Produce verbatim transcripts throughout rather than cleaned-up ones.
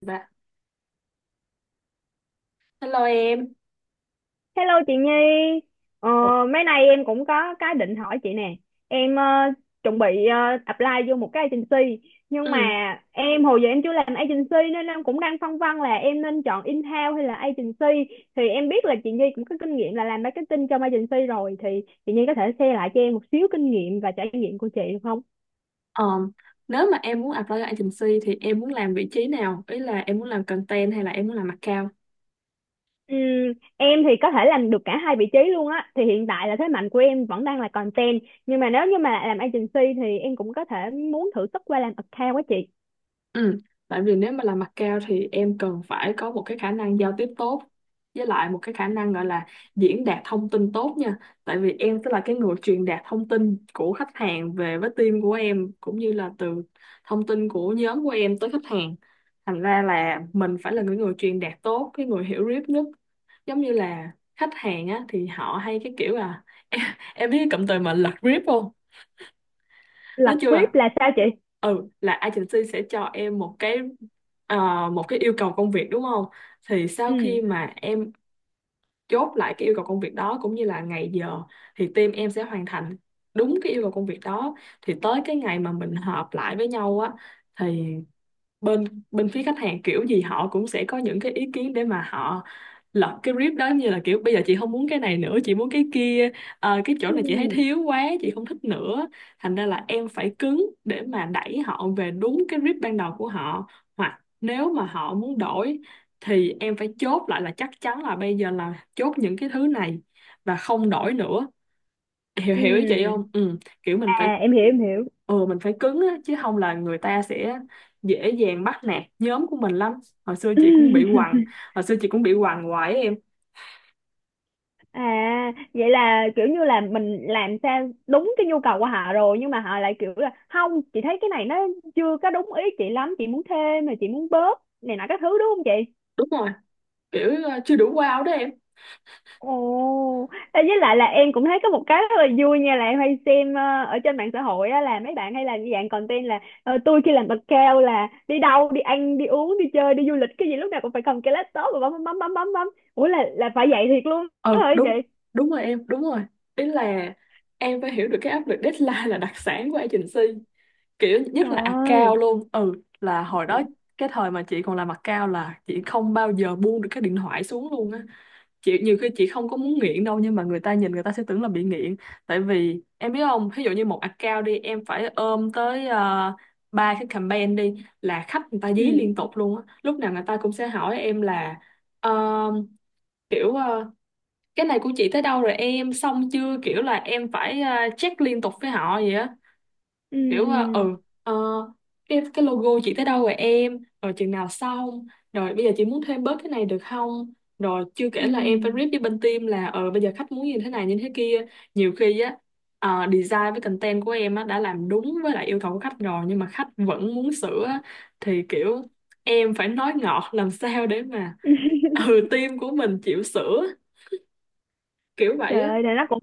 Dạ. Hello em. Hello chị Nhi, ờ, mấy nay em cũng có cái định hỏi chị nè. Em ờ, chuẩn bị ờ, apply vô một cái agency, nhưng mà Ừ. em hồi giờ em chưa làm agency nên em cũng đang phân vân là em nên chọn in-house hay là agency. Thì em biết là chị Nhi cũng có kinh nghiệm là làm marketing trong agency rồi, thì chị Nhi có thể share lại cho em một xíu kinh nghiệm và trải nghiệm của chị được không? ờm, Nếu mà em muốn apply cho agency thì em muốn làm vị trí nào? Ý là em muốn làm content hay là em muốn làm account? Ừm, em thì có thể làm được cả hai vị trí luôn á, thì hiện tại là thế mạnh của em vẫn đang là content, nhưng mà nếu như mà làm agency thì em cũng có thể muốn thử sức qua làm account á chị. Ừ, tại vì nếu mà làm mặt cao thì em cần phải có một cái khả năng giao tiếp tốt với lại một cái khả năng gọi là diễn đạt thông tin tốt nha. Tại vì em sẽ là cái người truyền đạt thông tin của khách hàng về với team của em cũng như là từ thông tin của nhóm của em tới khách hàng. Thành ra là mình phải là người người truyền đạt tốt, cái người hiểu biết nhất. Giống như là khách hàng á thì họ hay cái kiểu là em, em biết cái cụm từ mà lật rip không? Nói Lập chung web là là sao chị? ừ, là agency sẽ cho em một cái ờ, một cái yêu cầu công việc đúng không? Thì sau ừ khi mà em chốt lại cái yêu cầu công việc đó cũng như là ngày giờ thì team em sẽ hoàn thành đúng cái yêu cầu công việc đó, thì tới cái ngày mà mình họp lại với nhau á thì bên bên phía khách hàng kiểu gì họ cũng sẽ có những cái ý kiến để mà họ lật cái brief đó, như là kiểu bây giờ chị không muốn cái này nữa, chị muốn cái kia. Ờ, cái chỗ ừ này chị thấy thiếu quá, chị không thích nữa. Thành ra là em phải cứng để mà đẩy họ về đúng cái brief ban đầu của họ, hoặc nếu mà họ muốn đổi thì em phải chốt lại là chắc chắn là bây giờ là chốt những cái thứ này và không đổi nữa. hiểu ừ hiểu ý chị không? Ừ, kiểu mình phải À em hiểu, em hiểu. ừ mình phải cứng á, chứ không là người ta sẽ dễ dàng bắt nạt nhóm của mình lắm. hồi xưa chị cũng bị quằn Hồi xưa chị cũng bị quằn hoài á em. à vậy là kiểu như là mình làm sao đúng cái nhu cầu của họ rồi nhưng mà họ lại kiểu là không, chị thấy cái này nó chưa có đúng ý chị lắm, chị muốn thêm mà chị muốn bớt này nọ các thứ, đúng không chị? Đúng rồi, kiểu ờ, chưa đủ wow đó em. Ồ, ê, với lại là em cũng thấy có một cái rất là vui nha, là em hay xem ờ, ở trên mạng xã hội á, là mấy bạn hay làm như dạng content là ờ, tôi khi làm account là đi đâu đi ăn đi uống đi chơi đi du lịch cái gì lúc nào cũng phải cầm cái laptop và bấm bấm bấm bấm bấm bấm. Ủa là là phải vậy thiệt luôn Ừ, đó hả đúng chị? đúng rồi em, đúng rồi. Ý là em phải hiểu được cái áp lực deadline là đặc sản của agency, kiểu nhất là Trời account ơi. luôn. ừ là hồi ừ đó, cái thời mà chị còn làm account là chị không bao giờ buông được cái điện thoại xuống luôn á. Chị nhiều khi chị không có muốn nghiện đâu nhưng mà người ta nhìn người ta sẽ tưởng là bị nghiện. Tại vì em biết không, ví dụ như một account đi, em phải ôm tới ờ, ba cái campaign đi là khách người ta dí ừ liên tục luôn á, lúc nào người ta cũng sẽ hỏi em là ờ, kiểu ờ, cái này của chị tới đâu rồi, em xong chưa? Kiểu là em phải ờ, check liên tục với họ vậy á, ừ kiểu ờ, ừ, ừ ờ, cái cái logo chị tới đâu rồi em, rồi chừng nào xong, rồi bây giờ chị muốn thêm bớt cái này được không? Rồi chưa ừ. kể là em phải rep với bên team là ờ bây giờ khách muốn như thế này như thế kia. Nhiều khi á, ờ, design với content của em á đã làm đúng với lại yêu cầu của khách rồi nhưng mà khách vẫn muốn sửa á, thì kiểu em phải nói ngọt làm sao để mà ừ team của mình chịu sửa, kiểu vậy Trời á. ơi là nó cũng,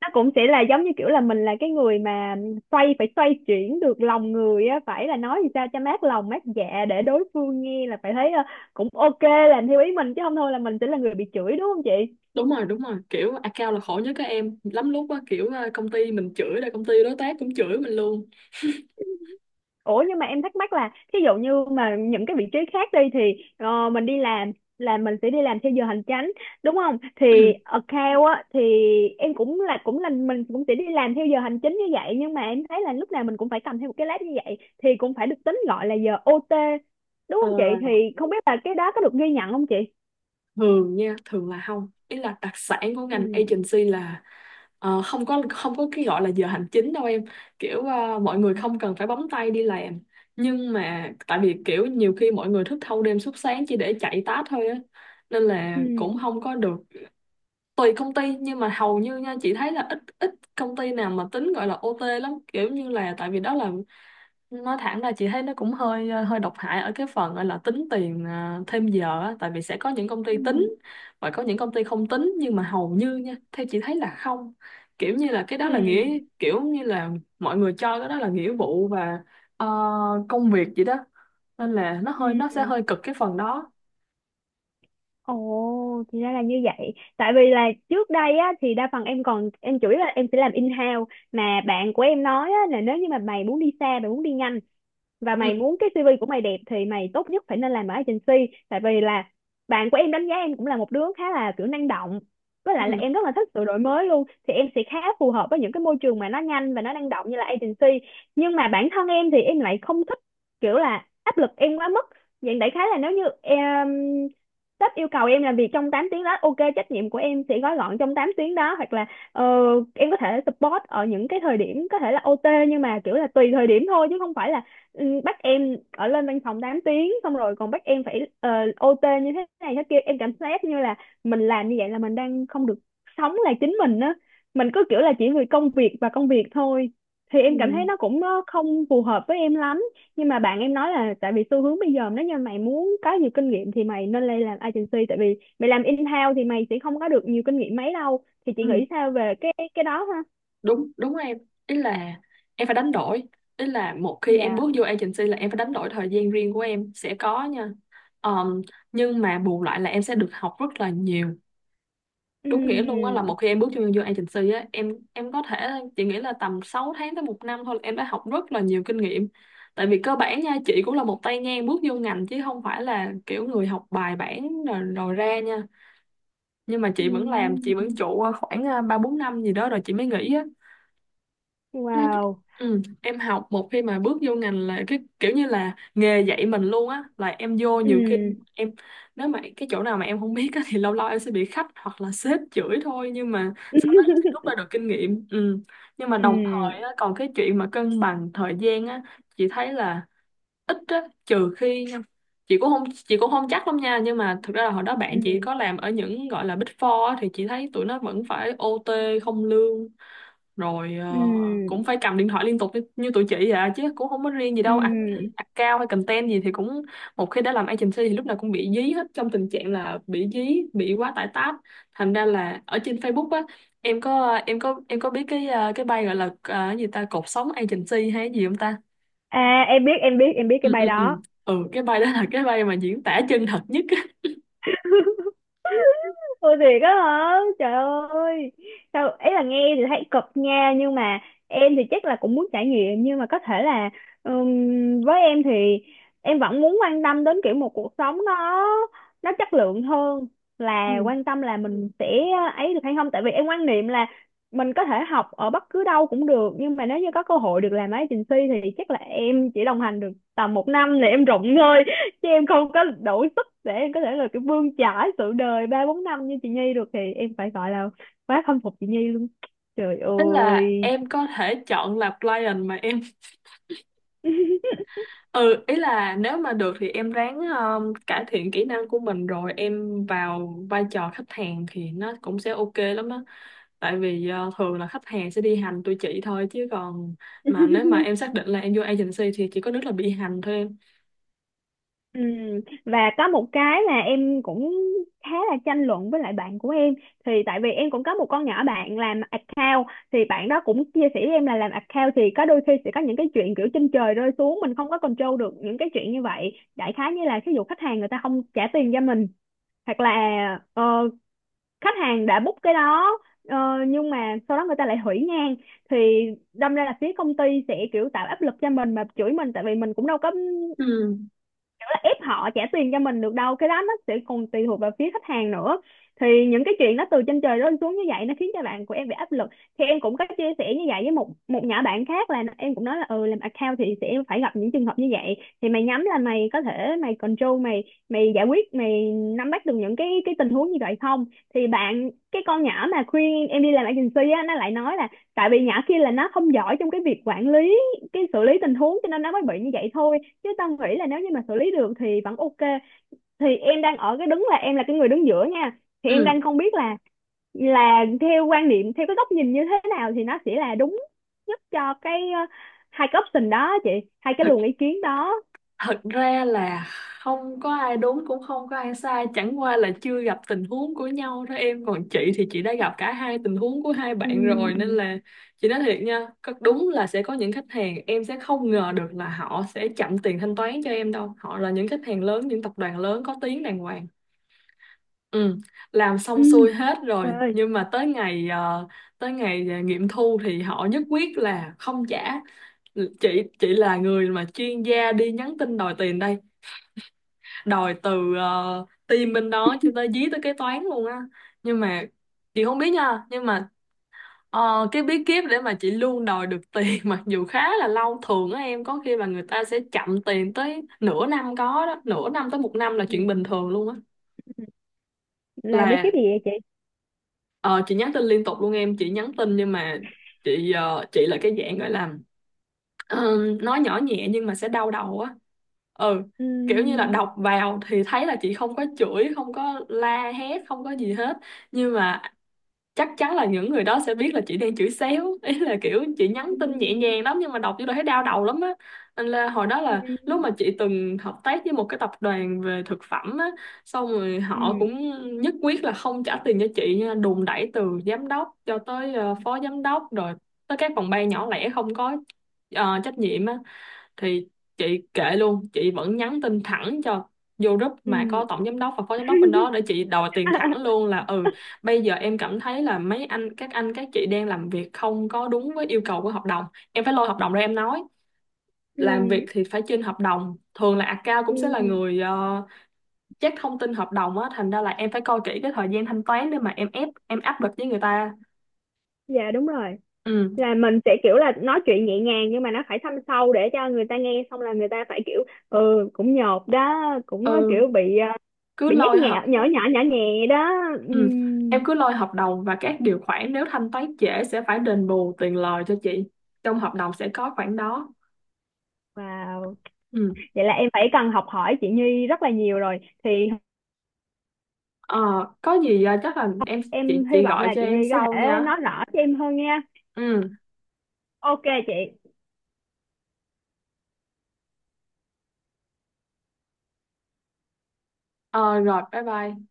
nó cũng sẽ là giống như kiểu là mình là cái người mà xoay phải xoay chuyển được lòng người á, phải là nói gì sao cho mát lòng mát dạ để đối phương nghe là phải thấy ờ, cũng ok, làm theo ý mình, chứ không thôi là mình sẽ là người bị chửi, đúng không chị? Đúng rồi, đúng rồi, kiểu account là khổ nhất các em lắm lúc á, kiểu ờ, công ty mình chửi rồi công ty đối tác cũng chửi mình luôn. Ủa nhưng mà em thắc mắc là thí dụ như mà những cái vị trí khác đi thì ờ, mình đi làm là mình sẽ đi làm theo giờ hành chánh, đúng không? Thì Ừ. account á thì em cũng là, cũng là mình cũng sẽ đi làm theo giờ hành chính như vậy, nhưng mà em thấy là lúc nào mình cũng phải cầm theo một cái laptop như vậy thì cũng phải được tính gọi là giờ ô tê, đúng Ờ, không chị? Thì không biết là cái đó có được ghi nhận không chị? Thường nha, thường là không. Ý là đặc sản của Ừ. ngành agency là ờ, không có không có cái gọi là giờ hành chính đâu em. Kiểu ờ, mọi người không cần phải bấm tay đi làm nhưng mà tại vì kiểu nhiều khi mọi người thức thâu đêm suốt sáng chỉ để chạy task thôi á, nên là Ừ. cũng không có được. Tùy công ty nhưng mà hầu như nha, chị thấy là ít, ít công ty nào mà tính gọi là âu ti lắm. Kiểu như là tại vì đó là, nói thẳng ra chị thấy nó cũng hơi ờ, hơi độc hại ở cái phần gọi là tính tiền à, thêm giờ á. Tại vì sẽ có những công ty tính Ừ. và có những công ty không tính nhưng mà hầu như nha theo chị thấy là không, kiểu như là cái đó là Ừ. nghĩa, kiểu như là mọi người cho cái đó là nghĩa vụ và ờ, công việc gì đó, nên là nó hơi Ừ. nó sẽ Ừ. hơi cực cái phần đó. Ồ, thì ra là như vậy. Tại vì là trước đây á, thì đa phần em còn, em chủ yếu là em sẽ làm in-house, mà bạn của em nói á, là nếu như mà mày muốn đi xa, mày muốn đi nhanh và mày Ừ, muốn cái xê vê của mày đẹp thì mày tốt nhất phải nên làm ở agency, tại vì là bạn của em đánh giá em cũng là một đứa khá là kiểu năng động, với lại là ừ, em rất là thích sự đổi mới luôn, thì em sẽ khá phù hợp với những cái môi trường mà nó nhanh và nó năng động như là agency. Nhưng mà bản thân em thì em lại không thích kiểu là áp lực em quá mức. Vậy đại khái là nếu như em, sếp yêu cầu em làm việc trong tám tiếng đó ok, trách nhiệm của em sẽ gói gọn trong tám tiếng đó, hoặc là ờ, em có thể support ở những cái thời điểm có thể là o ti, nhưng mà kiểu là tùy thời điểm thôi chứ không phải là ừ, bắt em ở lên văn phòng tám tiếng xong rồi còn bắt em phải ờ, ô tê như thế này thế kia, em cảm giác như là mình làm như vậy là mình đang không được sống là chính mình á, mình cứ kiểu là chỉ vì công việc và công việc thôi, thì em cảm thấy nó cũng ờ, không phù hợp với em lắm. Nhưng mà bạn em nói là tại vì xu hướng bây giờ nếu như mày muốn có nhiều kinh nghiệm thì mày nên lên làm agency, tại vì mày làm in-house thì mày sẽ không có được nhiều kinh nghiệm mấy đâu, thì chị ừ, nghĩ sao về cái cái đó ha? đúng đúng em. Ý là em phải đánh đổi, ý là một khi em Dạ. bước vô agency là em phải đánh đổi thời gian riêng của em sẽ có nha. Ờm, nhưng mà bù lại là em sẽ được học rất là nhiều. Đúng nghĩa luôn á, là một Ừm. khi em bước vô vô agency á em em có thể, chị nghĩ là tầm sáu tháng tới một năm thôi là em đã học rất là nhiều kinh nghiệm. Tại vì cơ bản nha, chị cũng là một tay ngang bước vô ngành chứ không phải là kiểu người học bài bản rồi, rồi ra nha. Nhưng mà chị vẫn làm, chị vẫn Ừm. trụ khoảng ờ, ba bốn năm gì đó rồi chị mới nghỉ á. Nói chứ- Wow. Ừ, em học một khi mà bước vô ngành là cái kiểu như là nghề dạy mình luôn á. Là em vô Ừ. nhiều khi em nếu mà cái chỗ nào mà em không biết á, thì lâu lâu em sẽ bị khách hoặc là sếp chửi thôi nhưng mà sau đó em sẽ rút ra được kinh nghiệm. Ừ. Nhưng mà đồng thời á, ừ còn cái chuyện mà cân bằng thời gian á, chị thấy là ít á, trừ khi chị cũng không chị cũng không chắc lắm nha nhưng mà thực ra là hồi đó bạn chị ừ có làm ở những gọi là Big Four á, thì chị thấy tụi nó vẫn phải o tê không lương, rồi ừ ờ, cũng phải cầm điện thoại liên tục như, như tụi chị vậy à, chứ cũng không có riêng gì đâu à, ừ account hay content gì thì cũng một khi đã làm agency thì lúc nào cũng bị dí hết trong tình trạng là bị dí bị quá tải task. Thành ra là ở trên Facebook á, em có em có em có biết cái ờ, cái bay gọi là ờ, cái gì ta, cột sống agency hay cái gì không ta? à em biết, em biết, em biết cái Ừ, bài ừ, ừ, đó. ừ, cái bay đó là cái bay mà diễn tả chân thật nhất á. Ôi thiệt á hả? Trời ơi. Sao ấy là nghe thì thấy cực nha, nhưng mà em thì chắc là cũng muốn trải nghiệm, nhưng mà có thể là ừm, với em thì em vẫn muốn quan tâm đến kiểu một cuộc sống nó nó chất lượng hơn, là Ừ. quan tâm là mình sẽ ấy được hay không. Tại vì em quan niệm là mình có thể học ở bất cứ đâu cũng được, nhưng mà nếu như có cơ hội được làm agency thì chắc là em chỉ đồng hành được tầm một năm là em rụng thôi, chứ em không có đủ sức để em có thể là cái bươn chải sự đời ba bốn năm như chị Nhi được, thì em phải gọi là quá khâm phục chị Nhi luôn. Trời Tức là ơi. em có thể chọn là client mà em. Ừ, ý là nếu mà được thì em ráng um, cải thiện kỹ năng của mình rồi em vào vai trò khách hàng thì nó cũng sẽ ok lắm á. Tại vì uh, thường là khách hàng sẽ đi hành tụi chị thôi, chứ còn mà nếu mà em xác định là em vô agency thì chỉ có nước là bị hành thôi em. Ừ. Và có một cái là em cũng khá là tranh luận với lại bạn của em. Thì tại vì em cũng có một con nhỏ bạn làm account, thì bạn đó cũng chia sẻ với em là làm account thì có đôi khi sẽ có những cái chuyện kiểu trên trời rơi xuống, mình không có control được những cái chuyện như vậy. Đại khái như là ví dụ khách hàng người ta không trả tiền cho mình, hoặc là ờ, khách hàng đã book cái đó ờ, nhưng mà sau đó người ta lại hủy ngang, thì đâm ra là phía công ty sẽ kiểu tạo áp lực cho mình mà chửi mình, tại vì mình cũng đâu có Ừ. kiểu là ép họ trả tiền cho mình được đâu, cái đó nó sẽ còn tùy thuộc vào phía khách hàng nữa. Thì những cái chuyện nó từ trên trời rơi xuống như vậy nó khiến cho bạn của em bị áp lực. Thì em cũng có chia sẻ như vậy với một một nhỏ bạn khác, là em cũng nói là ừ, làm account thì sẽ phải gặp những trường hợp như vậy, thì mày nhắm là mày có thể mày control mày, mày giải quyết, mày nắm bắt được những cái cái tình huống như vậy không. Thì bạn, cái con nhỏ mà khuyên em đi làm agency á, nó lại nói là tại vì nhỏ kia là nó không giỏi trong cái việc quản lý, cái xử lý tình huống cho nên nó mới bị như vậy thôi, chứ tao nghĩ là nếu như mà xử lý được thì vẫn ok. Thì em đang ở cái đứng là em là cái người đứng giữa nha, thì em Ừ. đang không biết là là theo quan niệm, theo cái góc nhìn như thế nào thì nó sẽ là đúng nhất cho cái ờ, hai cái option đó chị, hai cái luồng ý kiến đó. Thật ra là không có ai đúng cũng không có ai sai, chẳng qua là chưa gặp tình huống của nhau thôi em. Còn chị thì chị đã gặp cả hai tình huống của hai bạn rồi nên Ừ. là chị nói thiệt nha, có- đúng là sẽ có những khách hàng em sẽ không ngờ được là họ sẽ chậm tiền thanh toán cho em đâu. Họ là những khách hàng lớn, những tập đoàn lớn có tiếng đàng hoàng. Ừ, làm Ừ. xong xuôi hết Trời rồi ơi. nhưng mà tới ngày ờ, tới ngày ờ, nghiệm thu thì họ nhất quyết là không trả. Chị chị là người mà chuyên gia đi nhắn tin đòi tiền đây, đòi từ uh, team bên đó cho tới dí tới kế toán luôn á. Nhưng mà chị không biết nha, nhưng mà ờ, cái bí kíp để mà chị luôn đòi được tiền mặc dù khá là lâu, thường á em có khi là người ta sẽ chậm tiền tới nửa năm có đó, nửa năm tới một năm là Ừ. chuyện bình thường luôn á. Ừ. Làm bí kíp Là gì vậy chị? ờ, chị nhắn tin liên tục luôn em, chị nhắn tin nhưng mà chị ờ, chị là cái dạng gọi là, Ờ, nói nhỏ nhẹ nhưng mà sẽ đau đầu á. Ừ, ừ kiểu như là đọc vào thì thấy là chị không có chửi, không có la hét, không có gì hết nhưng mà chắc chắn là những người đó sẽ biết là chị đang chửi xéo ý là kiểu chị nhắn tin nhẹ ừ nhàng lắm nhưng mà đọc vô đó thấy đau đầu lắm á. Nên là hồi đó là lúc ừ mà chị từng hợp tác với một cái tập đoàn về thực phẩm á, xong rồi ừ họ cũng nhất quyết là không trả tiền cho chị nha, đùn đẩy từ giám đốc cho tới ờ, phó giám đốc, rồi tới các phòng ban nhỏ lẻ không có ờ, trách nhiệm á. Thì chị kệ luôn, chị vẫn nhắn tin thẳng cho, vô group ừ. mà có ừ. tổng giám đốc và phó giám đốc bên đó để chị đòi tiền thẳng luôn là: Ừ, bây giờ em cảm thấy là mấy anh các anh các chị đang làm việc không có đúng với yêu cầu của hợp đồng, em phải lôi hợp đồng ra em nói Ừ. làm việc thì phải trên hợp đồng. Thường là account Ừ. cũng sẽ là người uh, check thông tin hợp đồng á, thành ra là em phải coi kỹ cái thời gian thanh toán để mà em ép em áp lực với người ta. Dạ đúng rồi, Ừ, là mình sẽ kiểu là nói chuyện nhẹ nhàng nhưng mà nó phải thâm sâu để cho người ta nghe xong là người ta phải kiểu ừ, cũng nhột đó, cũng ờ, ừ kiểu bị ờ, cứ bị nhắc lôi nhẹ hợp nhỏ, nhỏ nhỏ nhẹ đó. Ừ. Em Ừm, cứ lôi hợp đồng và các điều khoản, nếu thanh toán trễ sẽ phải đền bù tiền lời cho chị. Trong hợp đồng sẽ có khoản đó. wow, Ừ. vậy là em phải cần học hỏi chị Nhi rất là nhiều rồi. Thì Ờ, có gì à, chắc là em, em chị hy chị vọng gọi là cho chị em Nhi có sau thể nha. nói rõ cho em hơn nha. Ừ. Ok chị. Ờ, Rồi bye bye.